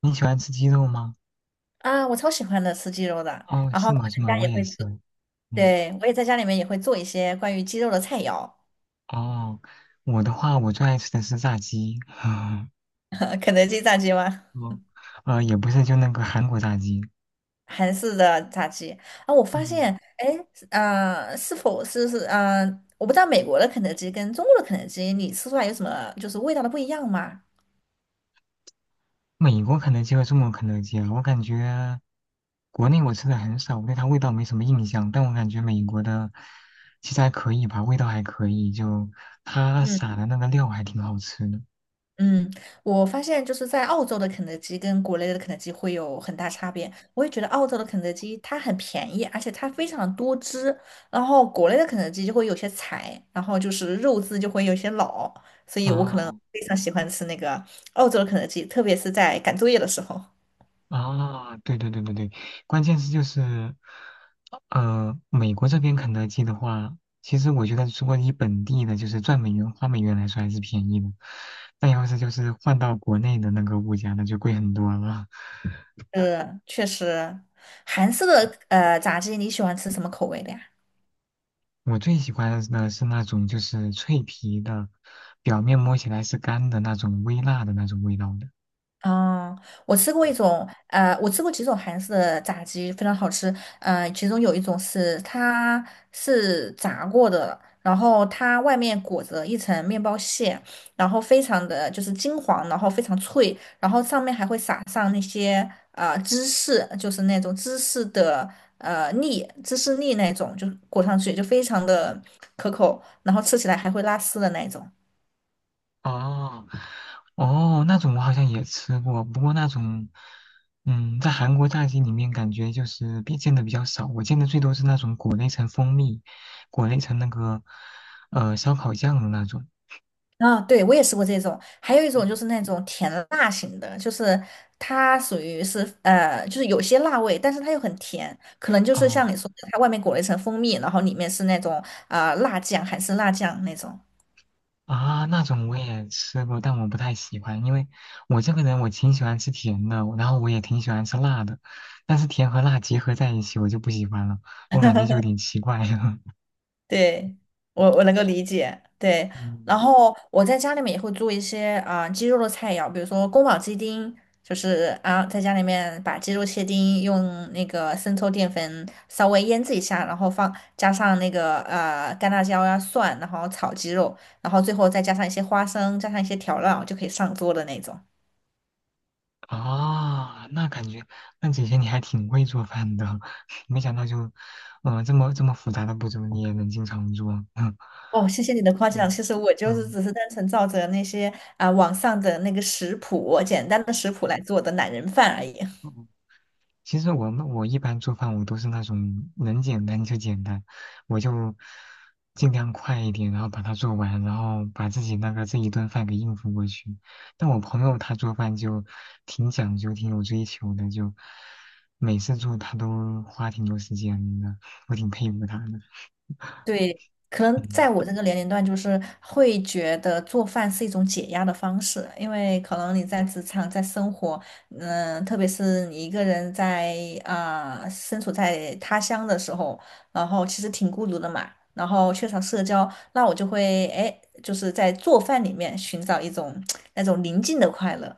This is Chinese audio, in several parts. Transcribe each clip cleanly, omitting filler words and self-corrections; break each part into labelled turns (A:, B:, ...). A: 你喜欢吃鸡肉吗？
B: 我超喜欢的吃鸡肉的，
A: 哦，
B: 然后
A: 是
B: 我
A: 吗？是吗？
B: 在家
A: 我
B: 也
A: 也
B: 会做，
A: 是。嗯，
B: 对，我也在家里面也会做一些关于鸡肉的菜肴。
A: 哦，我的话，我最爱吃的是炸鸡。
B: 肯德基炸鸡吗？
A: 哦，也不是，就那个韩国炸鸡。
B: 韩式的炸鸡啊，我发
A: 嗯，
B: 现，哎，是否是,我不知道美国的肯德基跟中国的肯德基，你吃出来有什么就是味道的不一样吗？
A: 美国肯德基和中国肯德基啊，我感觉国内我吃的很少，我对它味道没什么印象。但我感觉美国的其实还可以吧，味道还可以，就它
B: 嗯。
A: 撒的那个料还挺好吃的。
B: 嗯，我发现就是在澳洲的肯德基跟国内的肯德基会有很大差别。我也觉得澳洲的肯德基它很便宜，而且它非常多汁，然后国内的肯德基就会有些柴，然后就是肉质就会有些老，所以我可能
A: 哦。
B: 非常喜欢吃那个澳洲的肯德基，特别是在赶作业的时候。
A: 啊，对对对对对，关键是就是，美国这边肯德基的话，其实我觉得如果你本地的，就是赚美元花美元来说还是便宜的，但要是就是换到国内的那个物价，那就贵很多了。
B: 确实，韩式的炸鸡你喜欢吃什么口味的呀？
A: 我最喜欢的是那种就是脆皮的，表面摸起来是干的那种微辣的那种味道的。
B: 啊，我吃过一种，我吃过几种韩式的炸鸡，非常好吃。其中有一种是它是炸过的，然后它外面裹着一层面包屑，然后非常的就是金黄，然后非常脆，然后上面还会撒上那些芝士，就是那种芝士的粒，芝士粒那种，就裹上去就非常的可口，然后吃起来还会拉丝的那种。
A: 哦，哦，那种我好像也吃过，不过那种，嗯，在韩国炸鸡里面感觉就是比见的比较少，我见的最多是那种裹了一层蜂蜜，裹了一层那个烧烤酱的那种。
B: 啊，对，我也吃过这种，还有一种就是那种甜辣型的，就是它属于是,就是有些辣味，但是它又很甜，可能就是
A: 哦
B: 像你说的，它外面裹了一层蜂蜜，然后里面是那种辣酱，韩式辣酱那种。
A: 啊，那种我也吃过，但我不太喜欢，因为我这个人我挺喜欢吃甜的，然后我也挺喜欢吃辣的，但是甜和辣结合在一起我就不喜欢了，我感觉就有点奇怪了。
B: 对，我能够理解。对，然
A: 嗯
B: 后我在家里面也会做一些鸡肉的菜肴，比如说宫保鸡丁，就是在家里面把鸡肉切丁，用那个生抽、淀粉稍微腌制一下，然后放加上那个干辣椒呀、蒜，然后炒鸡肉，然后最后再加上一些花生，加上一些调料就可以上桌的那种。
A: 啊，那感觉，那姐姐你还挺会做饭的，没想到就，嗯、这么复杂的步骤你也能经常做，嗯
B: 哦，谢谢你的夸奖。
A: 嗯
B: 其实我就是
A: 嗯。
B: 只是单纯照着那些网上的那个食谱，简单的食谱来做的懒人饭而已。
A: 嗯其实我一般做饭我都是那种能简单就简单，我就尽量快一点，然后把它做完，然后把自己那个这一顿饭给应付过去。但我朋友他做饭就挺讲究、挺有追求的，就每次做他都花挺多时间的，我挺佩服他的。
B: 对，可能
A: 嗯。
B: 在我这个年龄段，就是会觉得做饭是一种解压的方式，因为可能你在职场、在生活，嗯，特别是你一个人在身处在他乡的时候，然后其实挺孤独的嘛，然后缺少社交，那我就会哎，就是在做饭里面寻找一种 那种宁静的快乐。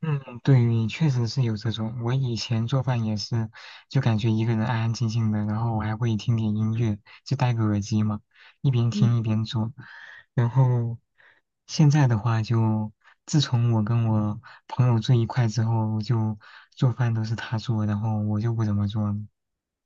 A: 嗯，对，确实是有这种。我以前做饭也是，就感觉一个人安安静静的，然后我还会听点音乐，就戴个耳机嘛，一边听一边做。然后现在的话就，自从我跟我朋友住一块之后，就做饭都是他做，然后我就不怎么做了。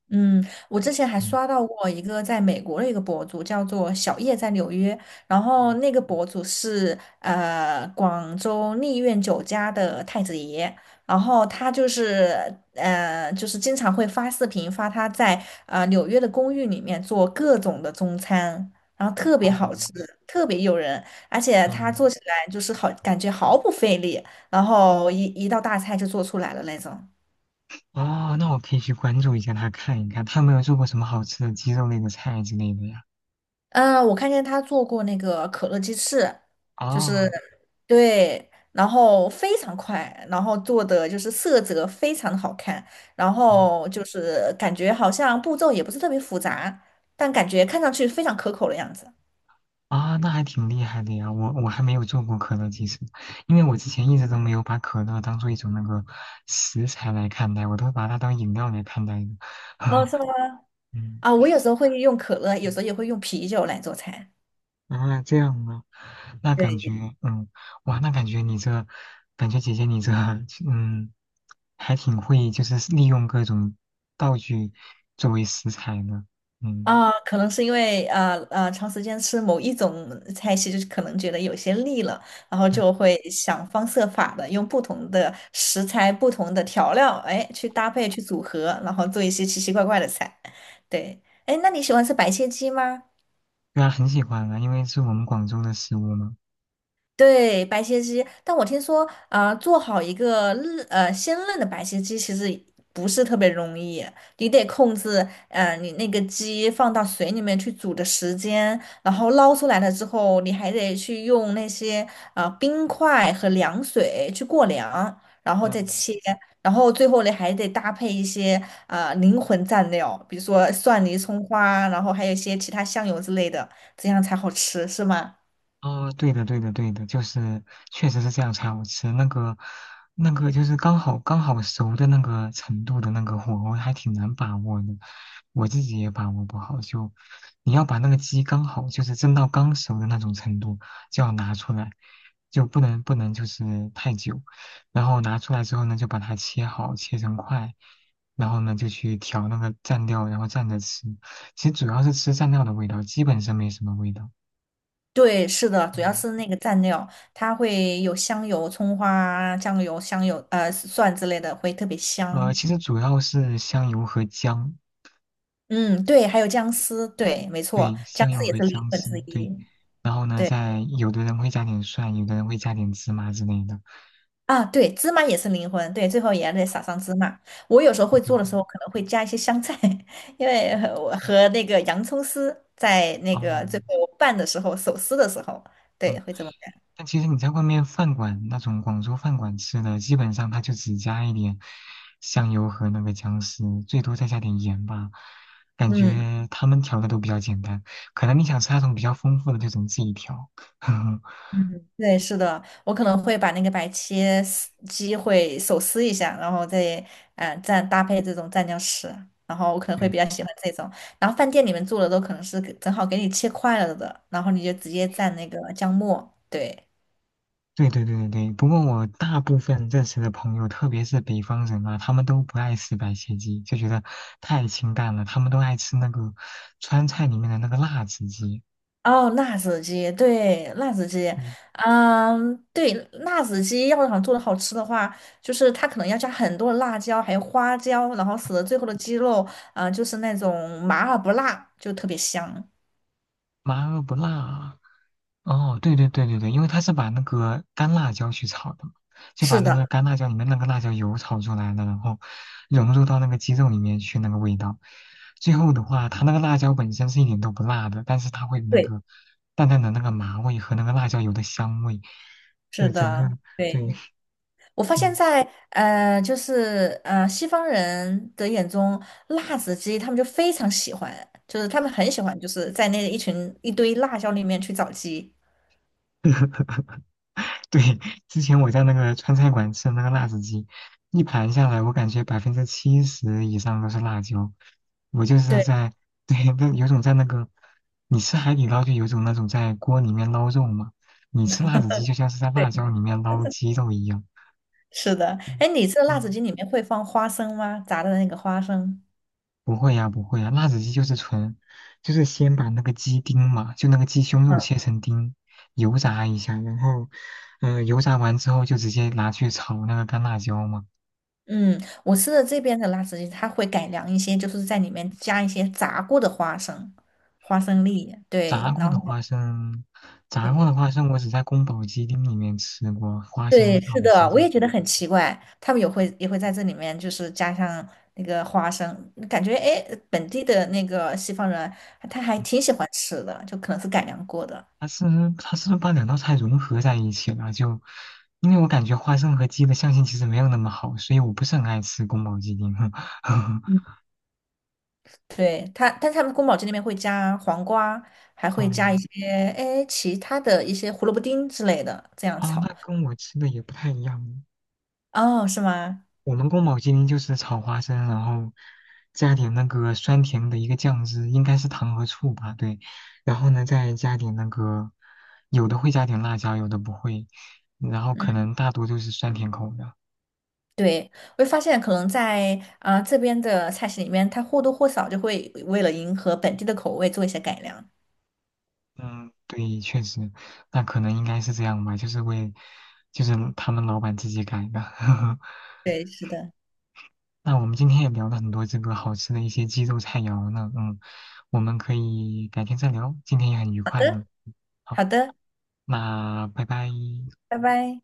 B: 嗯，我之前还
A: 嗯，
B: 刷到过一个在美国的一个博主，叫做小叶在纽约，然后那个博主是广州丽苑酒家的太子爷，然后他就是就是经常会发视频发他在纽约的公寓里面做各种的中餐，然后特别
A: 啊，
B: 好吃，特别诱人，而且他
A: 嗯，
B: 做起来就是好感觉毫不费力，然后一道大菜就做出来了那种。
A: 哦，那我可以去关注一下他，看一看他有没有做过什么好吃的鸡肉类的菜之类的呀。
B: 嗯，我看见他做过那个可乐鸡翅，就是
A: 哦。
B: 对，然后非常快，然后做的就是色泽非常的好看，然
A: 嗯
B: 后就是感觉好像步骤也不是特别复杂，但感觉看上去非常可口的样子。
A: 啊，那还挺厉害的呀！我还没有做过可乐，鸡翅，因为我之前一直都没有把可乐当做一种那个食材来看待，我都把它当饮料来看待的。
B: 哦，是 吗？
A: 嗯，
B: 啊，我有时候会用可乐，有
A: 嗯
B: 时候也会用啤酒来做菜。
A: 啊，这样啊，那感觉，
B: 对，
A: 嗯，哇，那感觉你这，感觉姐姐你这，嗯，还挺会，就是利用各种道具作为食材呢。嗯
B: 啊，可能是因为长时间吃某一种菜系，就是可能觉得有些腻了，然后
A: 嗯，
B: 就会想方设法的用不同的食材、不同的调料，哎，去搭配、去组合，然后做一些奇奇怪怪的菜。对，哎，那你喜欢吃白切鸡吗？
A: 对啊，很喜欢啊，因为是我们广州的食物嘛。
B: 对，白切鸡，但我听说，啊，做好一个鲜嫩的白切鸡其实不是特别容易，你得控制，你那个鸡放到水里面去煮的时间，然后捞出来了之后，你还得去用那些冰块和凉水去过凉，然后再
A: 嗯。
B: 切，然后最后你还得搭配一些灵魂蘸料，比如说蒜泥、葱花，然后还有一些其他香油之类的，这样才好吃，是吗？
A: 啊，对的，对的，对的，就是确实是这样才好吃。那个，那个就是刚好熟的那个程度的那个火候，还挺难把握的。我自己也把握不好，就你要把那个鸡刚好就是蒸到刚熟的那种程度，就要拿出来，就不能就是太久。然后拿出来之后呢，就把它切好，切成块，然后呢就去调那个蘸料，然后蘸着吃。其实主要是吃蘸料的味道，基本上没什么味道。
B: 对，是的，主要
A: 嗯。
B: 是那个蘸料，它会有香油、葱花啊、酱油、蒜之类的，会特别香。
A: 其实主要是香油和姜，
B: 嗯，对，还有姜丝，对，没错，
A: 对，
B: 姜
A: 香油
B: 丝也
A: 和
B: 是灵
A: 姜
B: 魂
A: 丝，
B: 之
A: 对。
B: 一。
A: 然后呢，
B: 对
A: 再有的人会加点蒜，有的人会加点芝麻之类的。
B: 啊，对，芝麻也是灵魂，对，最后也得撒上芝麻。我有时候
A: 对
B: 会
A: 对
B: 做
A: 对。
B: 的时候，可能会加一些香菜，因为我和那个洋葱丝在那
A: 哦，
B: 个最后拌的时候，手撕的时候，对，
A: 嗯。
B: 会这么干。
A: 但其实你在外面饭馆那种广州饭馆吃的，基本上它就只加一点香油和那个姜丝，最多再加点盐吧。感
B: 嗯。
A: 觉他们调的都比较简单，可能你想吃那种比较丰富的，就只能自己调。
B: 嗯，对，是的，我可能会把那个白切丝鸡会手撕一下，然后再蘸搭配这种蘸酱吃，然后我可能会
A: 对，
B: 比较喜欢这种。然后饭店里面做的都可能是给正好给你切块了的，然后你就直接蘸那个姜末。对，
A: 对对对对对，不过我大部分认识的朋友，特别是北方人啊，他们都不爱吃白切鸡，就觉得太清淡了。他们都爱吃那个川菜里面的那个辣子鸡，
B: 哦，辣子鸡，对，辣子鸡，
A: 嗯
B: 嗯，对，辣子鸡要想做的好吃的话，就是它可能要加很多的辣椒，还有花椒，然后使得最后的鸡肉，就是那种麻而不辣，就特别香。
A: 麻而不辣啊。哦，对对对对对，因为它是把那个干辣椒去炒的嘛，就把
B: 是
A: 那个
B: 的，
A: 干辣椒里面那个辣椒油炒出来了，然后融入到那个鸡肉里面去那个味道。最后的话，它那个辣椒本身是一点都不辣的，但是它会有那
B: 对，
A: 个淡淡的那个麻味和那个辣椒油的香味，
B: 是
A: 就整个
B: 的，
A: 对，
B: 对，我 发现
A: 嗯。
B: 在，西方人的眼中，辣子鸡他们就非常喜欢，就是他们很喜欢，就是在那一群一堆辣椒里面去找鸡。
A: 对，之前我在那个川菜馆吃的那个辣子鸡，一盘下来，我感觉70%以上都是辣椒。我就是
B: 对
A: 在，对，那有种在那个，你吃海底捞就有种那种在锅里面捞肉嘛，你吃辣子鸡就像是在辣椒
B: 对，
A: 里面捞鸡肉一样。
B: 是的。
A: 嗯
B: 哎，你吃的辣子
A: 嗯
B: 鸡里面会放花生吗？炸的那个花生？
A: 不会呀，不会呀，辣子鸡就是纯，就是先把那个鸡丁嘛，就那个鸡胸肉
B: 嗯
A: 切成丁，油炸一下，然后，嗯、油炸完之后就直接拿去炒那个干辣椒嘛。
B: 嗯，我吃的这边的辣子鸡，它会改良一些，就是在里面加一些炸过的花生、花生粒，
A: 炸
B: 对，
A: 过
B: 然
A: 的
B: 后
A: 花生，炸过的
B: 对。
A: 花生我只在宫保鸡丁里面吃过，花生
B: 对，
A: 炒
B: 是
A: 鸡
B: 的，我
A: 丁。
B: 也觉得很奇怪，他们也会在这里面就是加上那个花生，感觉哎，诶本地的那个西方人他还
A: 嗯
B: 挺喜欢吃的，就可能是改良过的。
A: 它是它是不是把两道菜融合在一起了？就因为我感觉花生和鸡的相性其实没有那么好，所以我不是很爱吃宫保鸡丁。
B: 嗯，对，他，但他们宫保鸡丁里面会加黄瓜，还会加一
A: 嗯，
B: 些哎其他的一些胡萝卜丁之类的，这样
A: 啊，
B: 炒。
A: 那跟我吃的也不太一样。
B: 哦，是吗？
A: 我们宫保鸡丁就是炒花生，然后加点那个酸甜的一个酱汁，应该是糖和醋吧？对，然后呢再加点那个，有的会加点辣椒，有的不会，然后可
B: 嗯，
A: 能大多都是酸甜口的。
B: 对，我就发现可能在这边的菜系里面，它或多或少就会为了迎合本地的口味做一些改良。
A: 嗯，对，确实，那可能应该是这样吧，就是为，就是他们老板自己改的。
B: 对，是的。
A: 那我们今天也聊了很多这个好吃的一些鸡肉菜肴呢，嗯，我们可以改天再聊，今天也很愉快呢。好
B: 好的，
A: 那拜拜。
B: 拜拜。